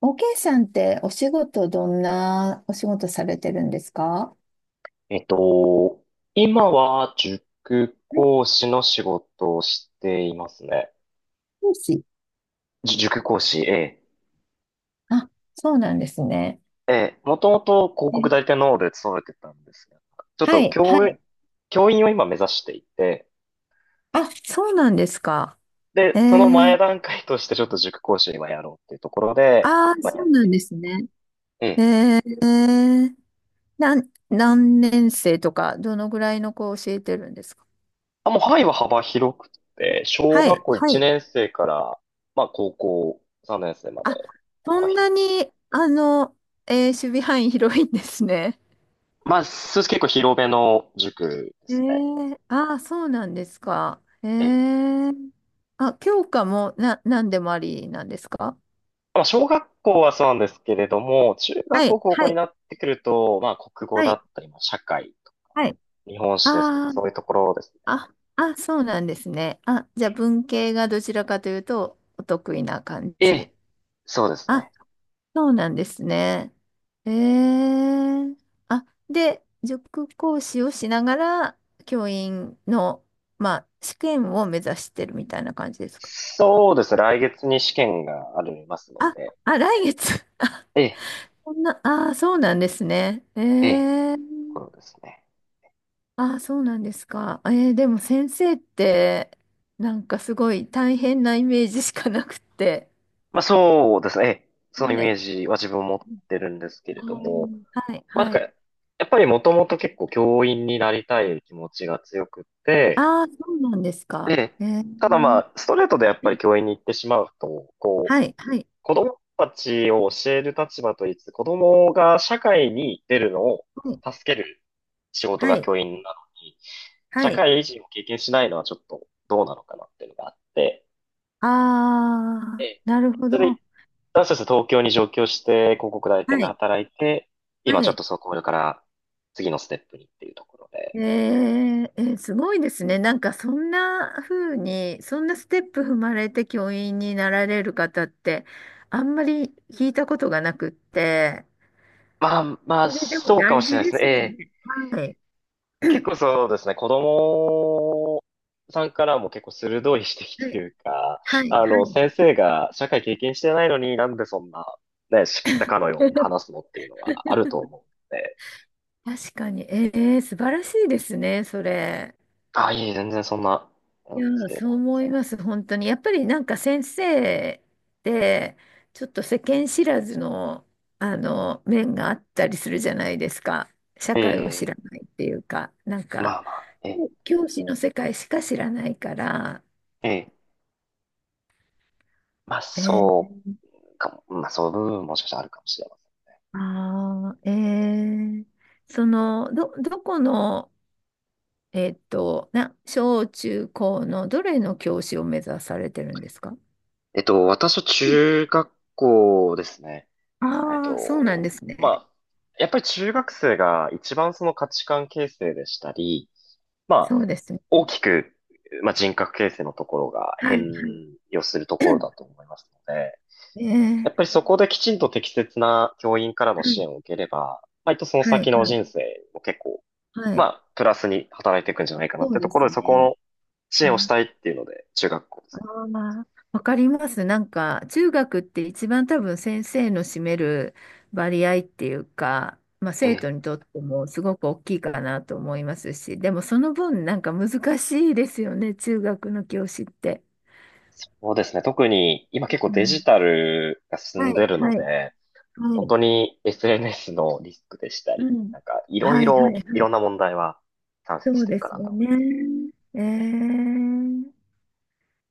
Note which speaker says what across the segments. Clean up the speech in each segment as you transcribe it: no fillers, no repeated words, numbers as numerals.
Speaker 1: OK さんってお仕事どんなお仕事されてるんですか？は
Speaker 2: えっと、今は塾
Speaker 1: い、
Speaker 2: 講師の仕事をしていますね。
Speaker 1: 講師。
Speaker 2: 塾講師、ええ。
Speaker 1: あ、そうなんですね。
Speaker 2: ええ、もともと広
Speaker 1: う
Speaker 2: 告
Speaker 1: ん、
Speaker 2: 代理店の方で勤めてたんですが、ちょっ
Speaker 1: は
Speaker 2: と
Speaker 1: い、は
Speaker 2: 教員、
Speaker 1: い。
Speaker 2: 教員を今目指していて、
Speaker 1: あ、そうなんですか。
Speaker 2: で、
Speaker 1: え
Speaker 2: その前
Speaker 1: ー、
Speaker 2: 段階としてちょっと塾講師を今やろうっていうところで、
Speaker 1: ああ、
Speaker 2: まあ、
Speaker 1: そ
Speaker 2: や
Speaker 1: う
Speaker 2: っ
Speaker 1: な
Speaker 2: てい
Speaker 1: ん
Speaker 2: る。
Speaker 1: ですね。
Speaker 2: え
Speaker 1: え
Speaker 2: え。
Speaker 1: ー、えーなん、何年生とか、どのぐらいの子を教えてるんですか？
Speaker 2: あ、もう範囲は幅広くて、小
Speaker 1: は
Speaker 2: 学
Speaker 1: い、
Speaker 2: 校
Speaker 1: は
Speaker 2: 1
Speaker 1: い。
Speaker 2: 年生から、まあ高校3年生ま
Speaker 1: あ、
Speaker 2: で
Speaker 1: そ
Speaker 2: 幅
Speaker 1: んな
Speaker 2: 広く。
Speaker 1: に、守備範囲広いんですね。
Speaker 2: まあ、結構広めの塾で
Speaker 1: え
Speaker 2: すね。
Speaker 1: ー、ああ、そうなんですか。ええ、あ、教科もな、何でもありなんですか？
Speaker 2: まあ、小学校はそうなんですけれども、中学
Speaker 1: はい、
Speaker 2: 校、高
Speaker 1: は
Speaker 2: 校に
Speaker 1: い、
Speaker 2: なってくると、まあ、国語
Speaker 1: は
Speaker 2: だっ
Speaker 1: い、
Speaker 2: たり、まあ、社会とか、
Speaker 1: はい。
Speaker 2: 日本史ですとか、
Speaker 1: あ、
Speaker 2: そういうところです
Speaker 1: あ、あ、あ、そうなんですね。あ、じゃあ
Speaker 2: ね。
Speaker 1: 文系がどちらかというとお得意な感
Speaker 2: え
Speaker 1: じ。
Speaker 2: え、そうです
Speaker 1: あ、
Speaker 2: ね。
Speaker 1: そうなんですね。ええ、あ、で、塾講師をしながら教員の、まあ、試験を目指してるみたいな感じですか？
Speaker 2: そうですね。来月に試験がありますの
Speaker 1: あ、
Speaker 2: で、
Speaker 1: 来月。
Speaker 2: ええ、
Speaker 1: そんな、ああ、そうなんですね。え
Speaker 2: ええ、
Speaker 1: え、
Speaker 2: ところですね。
Speaker 1: ああ、そうなんですか。ええ、でも先生って、なんかすごい大変なイメージしかなくって。
Speaker 2: まあ、そうですね。ええ、そのイ
Speaker 1: は
Speaker 2: メー
Speaker 1: い。
Speaker 2: ジは自分持ってるんですけれ
Speaker 1: あ
Speaker 2: ども、
Speaker 1: ー、はい、
Speaker 2: まあ、なん
Speaker 1: は
Speaker 2: か、
Speaker 1: い。
Speaker 2: やっぱりもともと結構教員になりたい気持ちが強くって、
Speaker 1: ああ、そうなんです
Speaker 2: え
Speaker 1: か。
Speaker 2: え、
Speaker 1: ええ、
Speaker 2: ただまあ、ストレートでやっぱり教員に行ってしまうと、こ
Speaker 1: は
Speaker 2: う、
Speaker 1: い、はい、
Speaker 2: 子供たちを教える立場と言いつつ、子供が社会に出るのを
Speaker 1: はい、
Speaker 2: 助ける仕事
Speaker 1: は
Speaker 2: が
Speaker 1: い、
Speaker 2: 教員なのに、
Speaker 1: は
Speaker 2: 社
Speaker 1: い。
Speaker 2: 会人を経験しないのはちょっとどうなのかなっていうのがあって、
Speaker 1: あ
Speaker 2: え
Speaker 1: あ、
Speaker 2: え、
Speaker 1: なるほ
Speaker 2: それ
Speaker 1: ど。
Speaker 2: で、私たち東京に上京して、広告代理店
Speaker 1: は
Speaker 2: で
Speaker 1: い、
Speaker 2: 働いて、
Speaker 1: は
Speaker 2: 今ちょっ
Speaker 1: い。
Speaker 2: とそこから次のステップにっていうところで。
Speaker 1: すごいですね。なんかそんな風に、そんなステップ踏まれて教員になられる方って、あんまり聞いたことがなくって、
Speaker 2: まあまあ、
Speaker 1: それでも
Speaker 2: そうかも
Speaker 1: 大
Speaker 2: しれ
Speaker 1: 事
Speaker 2: ないで
Speaker 1: で
Speaker 2: すね。え
Speaker 1: すよ
Speaker 2: え、
Speaker 1: ね。はい。
Speaker 2: 結構そうですね、子供さんからも結構鋭い指摘
Speaker 1: は
Speaker 2: と
Speaker 1: い、
Speaker 2: いうか、
Speaker 1: はい、
Speaker 2: あの、
Speaker 1: は
Speaker 2: 先
Speaker 1: い。
Speaker 2: 生が社会経験してないのになんでそんな、ね、知ったかのように 話すのっていうのはあると思うので、
Speaker 1: 確かに。素晴らしいですね、それ。
Speaker 2: あ、いえ、全然そんな、な
Speaker 1: い
Speaker 2: ん
Speaker 1: や
Speaker 2: です
Speaker 1: ー、
Speaker 2: けれど
Speaker 1: そう
Speaker 2: も。
Speaker 1: 思います、本当に。やっぱりなんか先生ってちょっと世間知らずの、あの面があったりするじゃないですか。社
Speaker 2: え
Speaker 1: 会を知ら
Speaker 2: え、
Speaker 1: ないっていうか、なん
Speaker 2: ま
Speaker 1: か、
Speaker 2: あまあ、え
Speaker 1: で
Speaker 2: え、
Speaker 1: も教師の世界しか知らないから、
Speaker 2: ええ、まあ
Speaker 1: え
Speaker 2: そ
Speaker 1: ー、
Speaker 2: うかも、まあそういう部分ももしかしたらあるかもしれません。
Speaker 1: あー、えー、どこの、小中高のどれの教師を目指されてるんですか？
Speaker 2: 私は
Speaker 1: うん、
Speaker 2: 中学校ですね。
Speaker 1: ああー、そうなんです
Speaker 2: ま
Speaker 1: ね。
Speaker 2: あ、やっぱり中学生が一番その価値観形成でしたり、ま
Speaker 1: そ
Speaker 2: あ、
Speaker 1: うですね。
Speaker 2: 大きく、まあ、人格形成のところが
Speaker 1: は
Speaker 2: 変
Speaker 1: い。
Speaker 2: 容するところだ と 思いますので、やっ
Speaker 1: え
Speaker 2: ぱ
Speaker 1: え、
Speaker 2: りそこできちんと適切な教員からの支援を受ければ、割とその
Speaker 1: はい、は
Speaker 2: 先
Speaker 1: い、
Speaker 2: の
Speaker 1: はい、
Speaker 2: 人生も結構、
Speaker 1: は
Speaker 2: ま
Speaker 1: い。
Speaker 2: あ、プラスに働いていくんじゃないかな
Speaker 1: そ
Speaker 2: っ
Speaker 1: う
Speaker 2: てと
Speaker 1: で
Speaker 2: こ
Speaker 1: す
Speaker 2: ろで、そこ
Speaker 1: ね。
Speaker 2: の支援をし
Speaker 1: あ
Speaker 2: たいっていうので、中学校です
Speaker 1: まあー、わかります。なんか、中学って一番多分先生の占める割合っていうか、まあ、
Speaker 2: ね。え
Speaker 1: 生徒
Speaker 2: え。
Speaker 1: にとってもすごく大きいかなと思いますし、でもその分なんか難しいですよね、中学の教師って。
Speaker 2: そうですね。特に今結構
Speaker 1: う
Speaker 2: デジ
Speaker 1: ん、
Speaker 2: タルが進
Speaker 1: は
Speaker 2: んで
Speaker 1: い、
Speaker 2: る
Speaker 1: は
Speaker 2: の
Speaker 1: い、
Speaker 2: で、
Speaker 1: は
Speaker 2: 本
Speaker 1: い、
Speaker 2: 当に SNS のリスクでした
Speaker 1: う
Speaker 2: り、
Speaker 1: ん。
Speaker 2: なんか
Speaker 1: はい、はい、
Speaker 2: い
Speaker 1: はい。
Speaker 2: ろんな問題は山
Speaker 1: そ
Speaker 2: 積し
Speaker 1: う
Speaker 2: てる
Speaker 1: で
Speaker 2: か
Speaker 1: す
Speaker 2: な
Speaker 1: よ
Speaker 2: と思い
Speaker 1: ね。
Speaker 2: ます。
Speaker 1: ええ、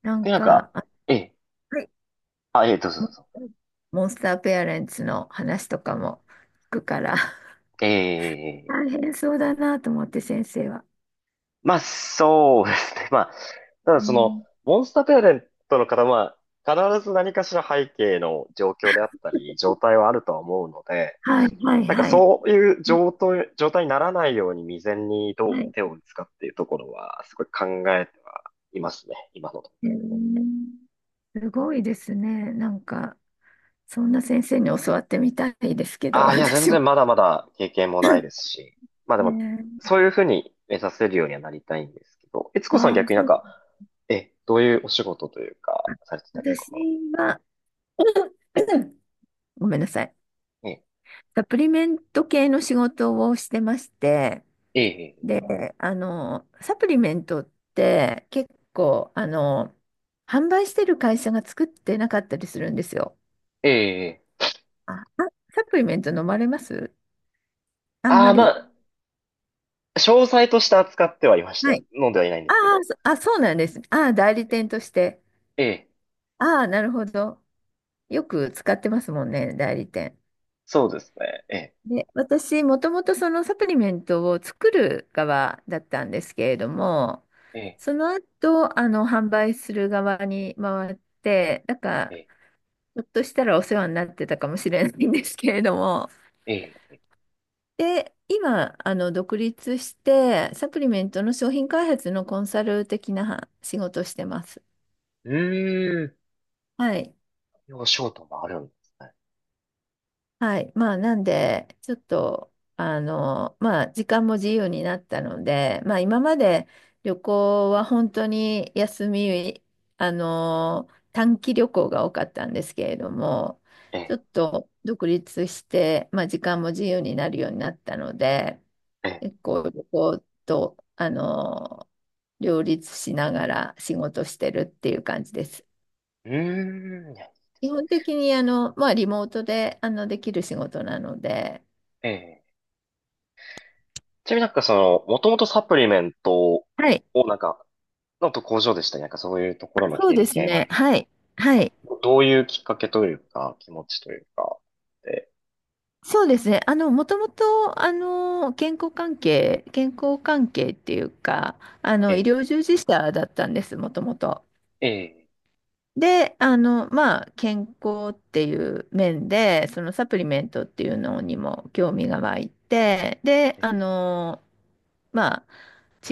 Speaker 1: なん
Speaker 2: で、なん
Speaker 1: か、
Speaker 2: か、ええ、
Speaker 1: はい
Speaker 2: あ、ええ、どうぞ
Speaker 1: モ
Speaker 2: どう
Speaker 1: ン
Speaker 2: ぞ。
Speaker 1: モンスターペアレンツの話とかも聞くから。
Speaker 2: え え、
Speaker 1: 大変そうだなと思って先生は。
Speaker 2: まあ、そうですね。まあ、ただ
Speaker 1: う
Speaker 2: その、
Speaker 1: ん、
Speaker 2: モンスターペアレントの方は、必ず何かしら背景の状況であったり、状態はあるとは思うので、
Speaker 1: はいはい
Speaker 2: なんか
Speaker 1: はい。
Speaker 2: そういう
Speaker 1: うん、
Speaker 2: 状態にならないように未然にどう
Speaker 1: はい。
Speaker 2: 手を打つかっていうところは、すごい考えてはいますね。今の段
Speaker 1: へ
Speaker 2: 階でも。
Speaker 1: え、すごいですね。なんか、そんな先生に教わってみたいですけど、
Speaker 2: ああ、いや、全
Speaker 1: 私も。
Speaker 2: 然まだまだ経験も ないで
Speaker 1: え、
Speaker 2: すし。まあでも、そういうふうに目指せるようにはなりたいんですけど、悦子さん
Speaker 1: あ
Speaker 2: は
Speaker 1: あー、
Speaker 2: 逆になん
Speaker 1: そう。
Speaker 2: か、え、どういうお仕事というか、されてたりと
Speaker 1: 私
Speaker 2: かは。
Speaker 1: は、ごめんなさい。
Speaker 2: え
Speaker 1: サプリメント系の仕事をしてまして、
Speaker 2: ええ
Speaker 1: で、あの、サプリメントって結構、あの、販売してる会社が作ってなかったりするんですよ。
Speaker 2: え、ええ、え、
Speaker 1: あ、あサプリメント飲まれます？あん
Speaker 2: あ
Speaker 1: ま
Speaker 2: あー、ま
Speaker 1: り。
Speaker 2: あ、詳細として扱ってはいまし
Speaker 1: は
Speaker 2: た。
Speaker 1: い。
Speaker 2: 飲んではいないんで
Speaker 1: あ
Speaker 2: すけ
Speaker 1: あ、
Speaker 2: ど。
Speaker 1: そうなんですね。ああ、代理店として。
Speaker 2: ええ、
Speaker 1: ああ、なるほど。よく使ってますもんね、代理店。
Speaker 2: そうですね。ええ。
Speaker 1: で、私、もともとそのサプリメントを作る側だったんですけれども、
Speaker 2: ええ、
Speaker 1: その後、あの、販売する側に回って、だか
Speaker 2: え
Speaker 1: ら、
Speaker 2: え、
Speaker 1: ひょっとしたらお世話になってたかもしれないんですけれども。
Speaker 2: ええ。
Speaker 1: で、今、あの、独立して、サプリメントの商品開発のコンサル的な仕事をしてます。
Speaker 2: うーん。
Speaker 1: はい。
Speaker 2: お仕事もあるんですね。
Speaker 1: はい。まあ、なんで、ちょっと、あの、まあ、時間も自由になったので、まあ、今まで旅行は本当に休み、あの、短期旅行が多かったんですけれども、
Speaker 2: え
Speaker 1: ちょ
Speaker 2: え、
Speaker 1: っと独立して、まあ、時間も自由になるようになったので、
Speaker 2: ええ。
Speaker 1: 結構旅行と、あの、両立しながら仕事してるっていう感じです。
Speaker 2: うーん。いや、いいで
Speaker 1: 基
Speaker 2: すね。
Speaker 1: 本的に、あの、まあ、リモートで、あの、できる仕事なので、
Speaker 2: ええ、ちなみになんかその、もともとサプリメント
Speaker 1: はい、
Speaker 2: をなんか、のと工場でしたね、なんかそういうところの
Speaker 1: そう
Speaker 2: 経
Speaker 1: で
Speaker 2: 歴
Speaker 1: す
Speaker 2: が今ある
Speaker 1: ね。はい、はい。
Speaker 2: と、どういうきっかけというか、気持ちというか、で、
Speaker 1: そうですね。あの、もともと、あの、健康関係っていうか、あ
Speaker 2: え
Speaker 1: の、医
Speaker 2: え、
Speaker 1: 療従事者だったんです、もともと。
Speaker 2: ええ、
Speaker 1: で、あの、まあ、健康っていう面で、そのサプリメントっていうのにも興味が湧いて、で、
Speaker 2: え
Speaker 1: あの、まあ、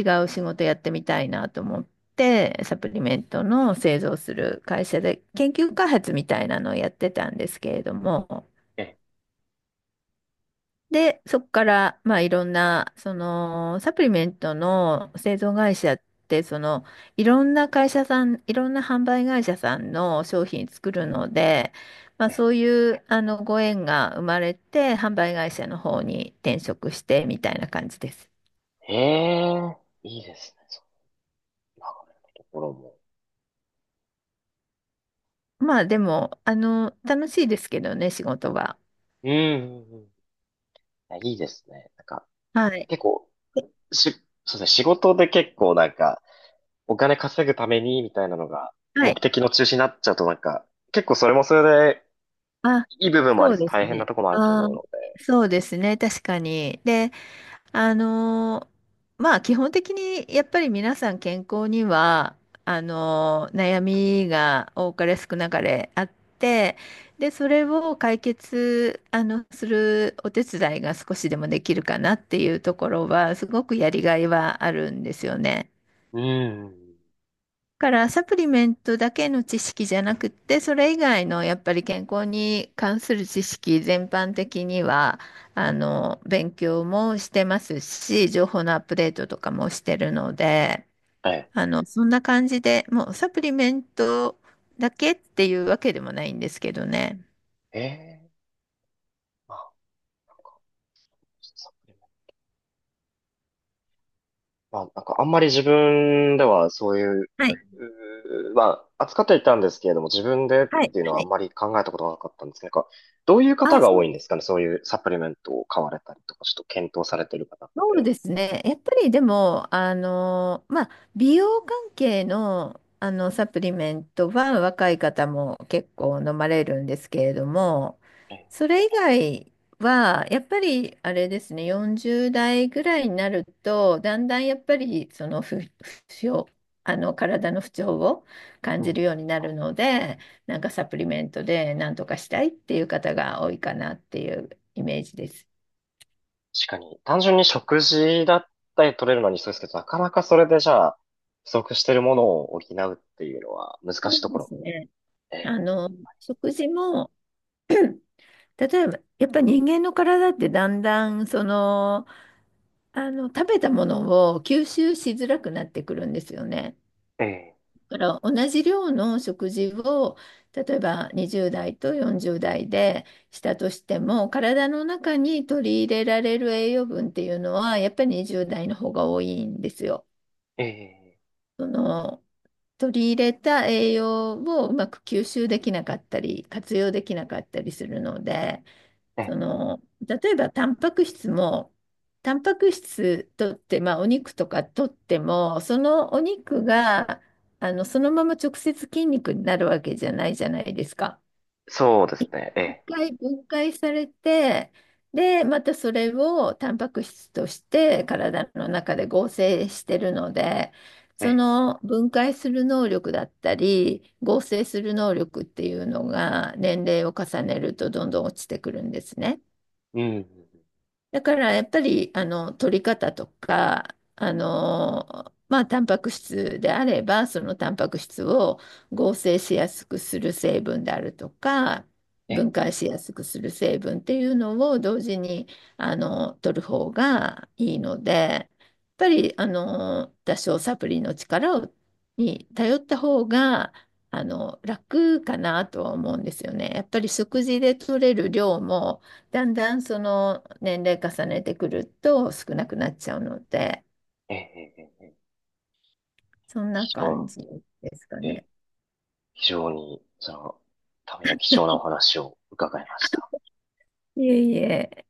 Speaker 1: 違う仕事やってみたいなと思って、サプリメントの製造する会社で研究開発みたいなのをやってたんですけれども、
Speaker 2: え、
Speaker 1: で、そこから、まあ、いろんな、その、サプリメントの製造会社って、その、いろんな会社さん、いろんな販売会社さんの商品作るので、まあ、
Speaker 2: え
Speaker 1: そういう、あの、ご縁が生まれて、販売会社の方に転職して、みたいな感じです。
Speaker 2: え、ええ、いいですね、そう、流れのところも。
Speaker 1: まあ、でも、あの、楽しいですけどね、仕事は。
Speaker 2: うんうんうん、いやいいですね。なんか、
Speaker 1: はい。
Speaker 2: 結構、し、そうですね、仕事で結構なんか、お金稼ぐために、みたいなのが、
Speaker 1: は
Speaker 2: 目
Speaker 1: い。
Speaker 2: 的の中心になっちゃうとなんか、結構それもそれで、
Speaker 1: あ、
Speaker 2: いい部分もあ
Speaker 1: そ
Speaker 2: り
Speaker 1: う
Speaker 2: つつ
Speaker 1: です
Speaker 2: 大変な
Speaker 1: ね。
Speaker 2: ところもあると
Speaker 1: あ
Speaker 2: 思う
Speaker 1: ー、
Speaker 2: の、
Speaker 1: そうですね。確かに。で、あのー、まあ基本的にやっぱり皆さん健康にはあのー悩みが多かれ少なかれあって、でそれを解決あのするお手伝いが少しでもできるかなっていうところはすごくやりがいはあるんですよね。
Speaker 2: うん。
Speaker 1: からサプリメントだけの知識じゃなくって、それ以外のやっぱり健康に関する知識全般的には、あの、勉強もしてますし、情報のアップデートとかもしてるので、
Speaker 2: はい。
Speaker 1: あの、そんな感じで、もうサプリメントだけっていうわけでもないんですけどね。
Speaker 2: ええ、まあ、なんか、サプリメント、まあ、なんかあんまり自分ではそういう、
Speaker 1: はい、
Speaker 2: うー、まあ、扱ってはいたんですけれども、自分でっ
Speaker 1: はい、
Speaker 2: ていうのは
Speaker 1: は
Speaker 2: あん
Speaker 1: い。
Speaker 2: まり考えたことがなかったんですけど、なんか、どういう方
Speaker 1: あ、
Speaker 2: が
Speaker 1: そ
Speaker 2: 多
Speaker 1: う
Speaker 2: いん
Speaker 1: で
Speaker 2: です
Speaker 1: す
Speaker 2: かね、そういうサプリメントを買われたりとか、ちょっと検討されてる方っ
Speaker 1: そう
Speaker 2: て。
Speaker 1: ですね。やっぱりでも、あの、まあ、美容関係の、あの、サプリメントは若い方も結構飲まれるんですけれども、
Speaker 2: ええ、
Speaker 1: それ以外は、やっぱりあれですね、40代ぐらいになると、だんだんやっぱり、不調、あの、体の不調を感
Speaker 2: う
Speaker 1: じる
Speaker 2: ん。
Speaker 1: ようになるので、なんかサプリメントでなんとかしたいっていう方が多いかなっていうイメージです。
Speaker 2: 確かに、単純に食事だったり取れるのにそうですけど、なかなかそれでじゃあ、不足してるものを補うっていうのは難
Speaker 1: そ
Speaker 2: し
Speaker 1: う
Speaker 2: いとこ
Speaker 1: で
Speaker 2: ろ
Speaker 1: す
Speaker 2: も。
Speaker 1: ね。あ
Speaker 2: え
Speaker 1: の、食事も、うん、例えば、やっぱり人間の体ってだんだん、その、あの、食べたものを吸収しづらくなってくるんですよね。
Speaker 2: え、え
Speaker 1: だから同じ量の食事を、例えば20代と40代でしたとしても、体の中に取り入れられる栄養分っていうのは、やっぱり20代の方が多いんですよ。
Speaker 2: え、ええ、
Speaker 1: その、取り入れた栄養をうまく吸収できなかったり、活用できなかったりするので、
Speaker 2: え
Speaker 1: そ
Speaker 2: え、
Speaker 1: の、例えばタンパク質も、タンパク質とって、まあ、お肉とかとっても、そのお肉が、あの、そのまま直接筋肉になるわけじゃないじゃないですか。
Speaker 2: そうですね。え
Speaker 1: 一
Speaker 2: え、
Speaker 1: 回分解されて、で、またそれをタンパク質として体の中で合成してるので、
Speaker 2: え
Speaker 1: そ
Speaker 2: え、
Speaker 1: の分解する能力だったり、合成する能力っていうのが年齢を重ねるとどんどん落ちてくるんですね。
Speaker 2: うん、うんうん、
Speaker 1: だからやっぱりあの取り方とかあのまあタンパク質であればそのタンパク質を合成しやすくする成分であるとか
Speaker 2: ええ、
Speaker 1: 分解しやすくする成分っていうのを同時にあの取る方がいいので、やっぱりあの多少サプリの力をに頼った方があの楽かなとは思うんですよね。やっぱり食事で取れる量もだんだんその年齢重ねてくると少なくなっちゃうので、
Speaker 2: ええ、ええ、ええ、
Speaker 1: そんな
Speaker 2: 非常、
Speaker 1: 感じですか
Speaker 2: ええ、
Speaker 1: ね。
Speaker 2: 非常に、その、ための貴重なお話を伺いました。
Speaker 1: いえいえ。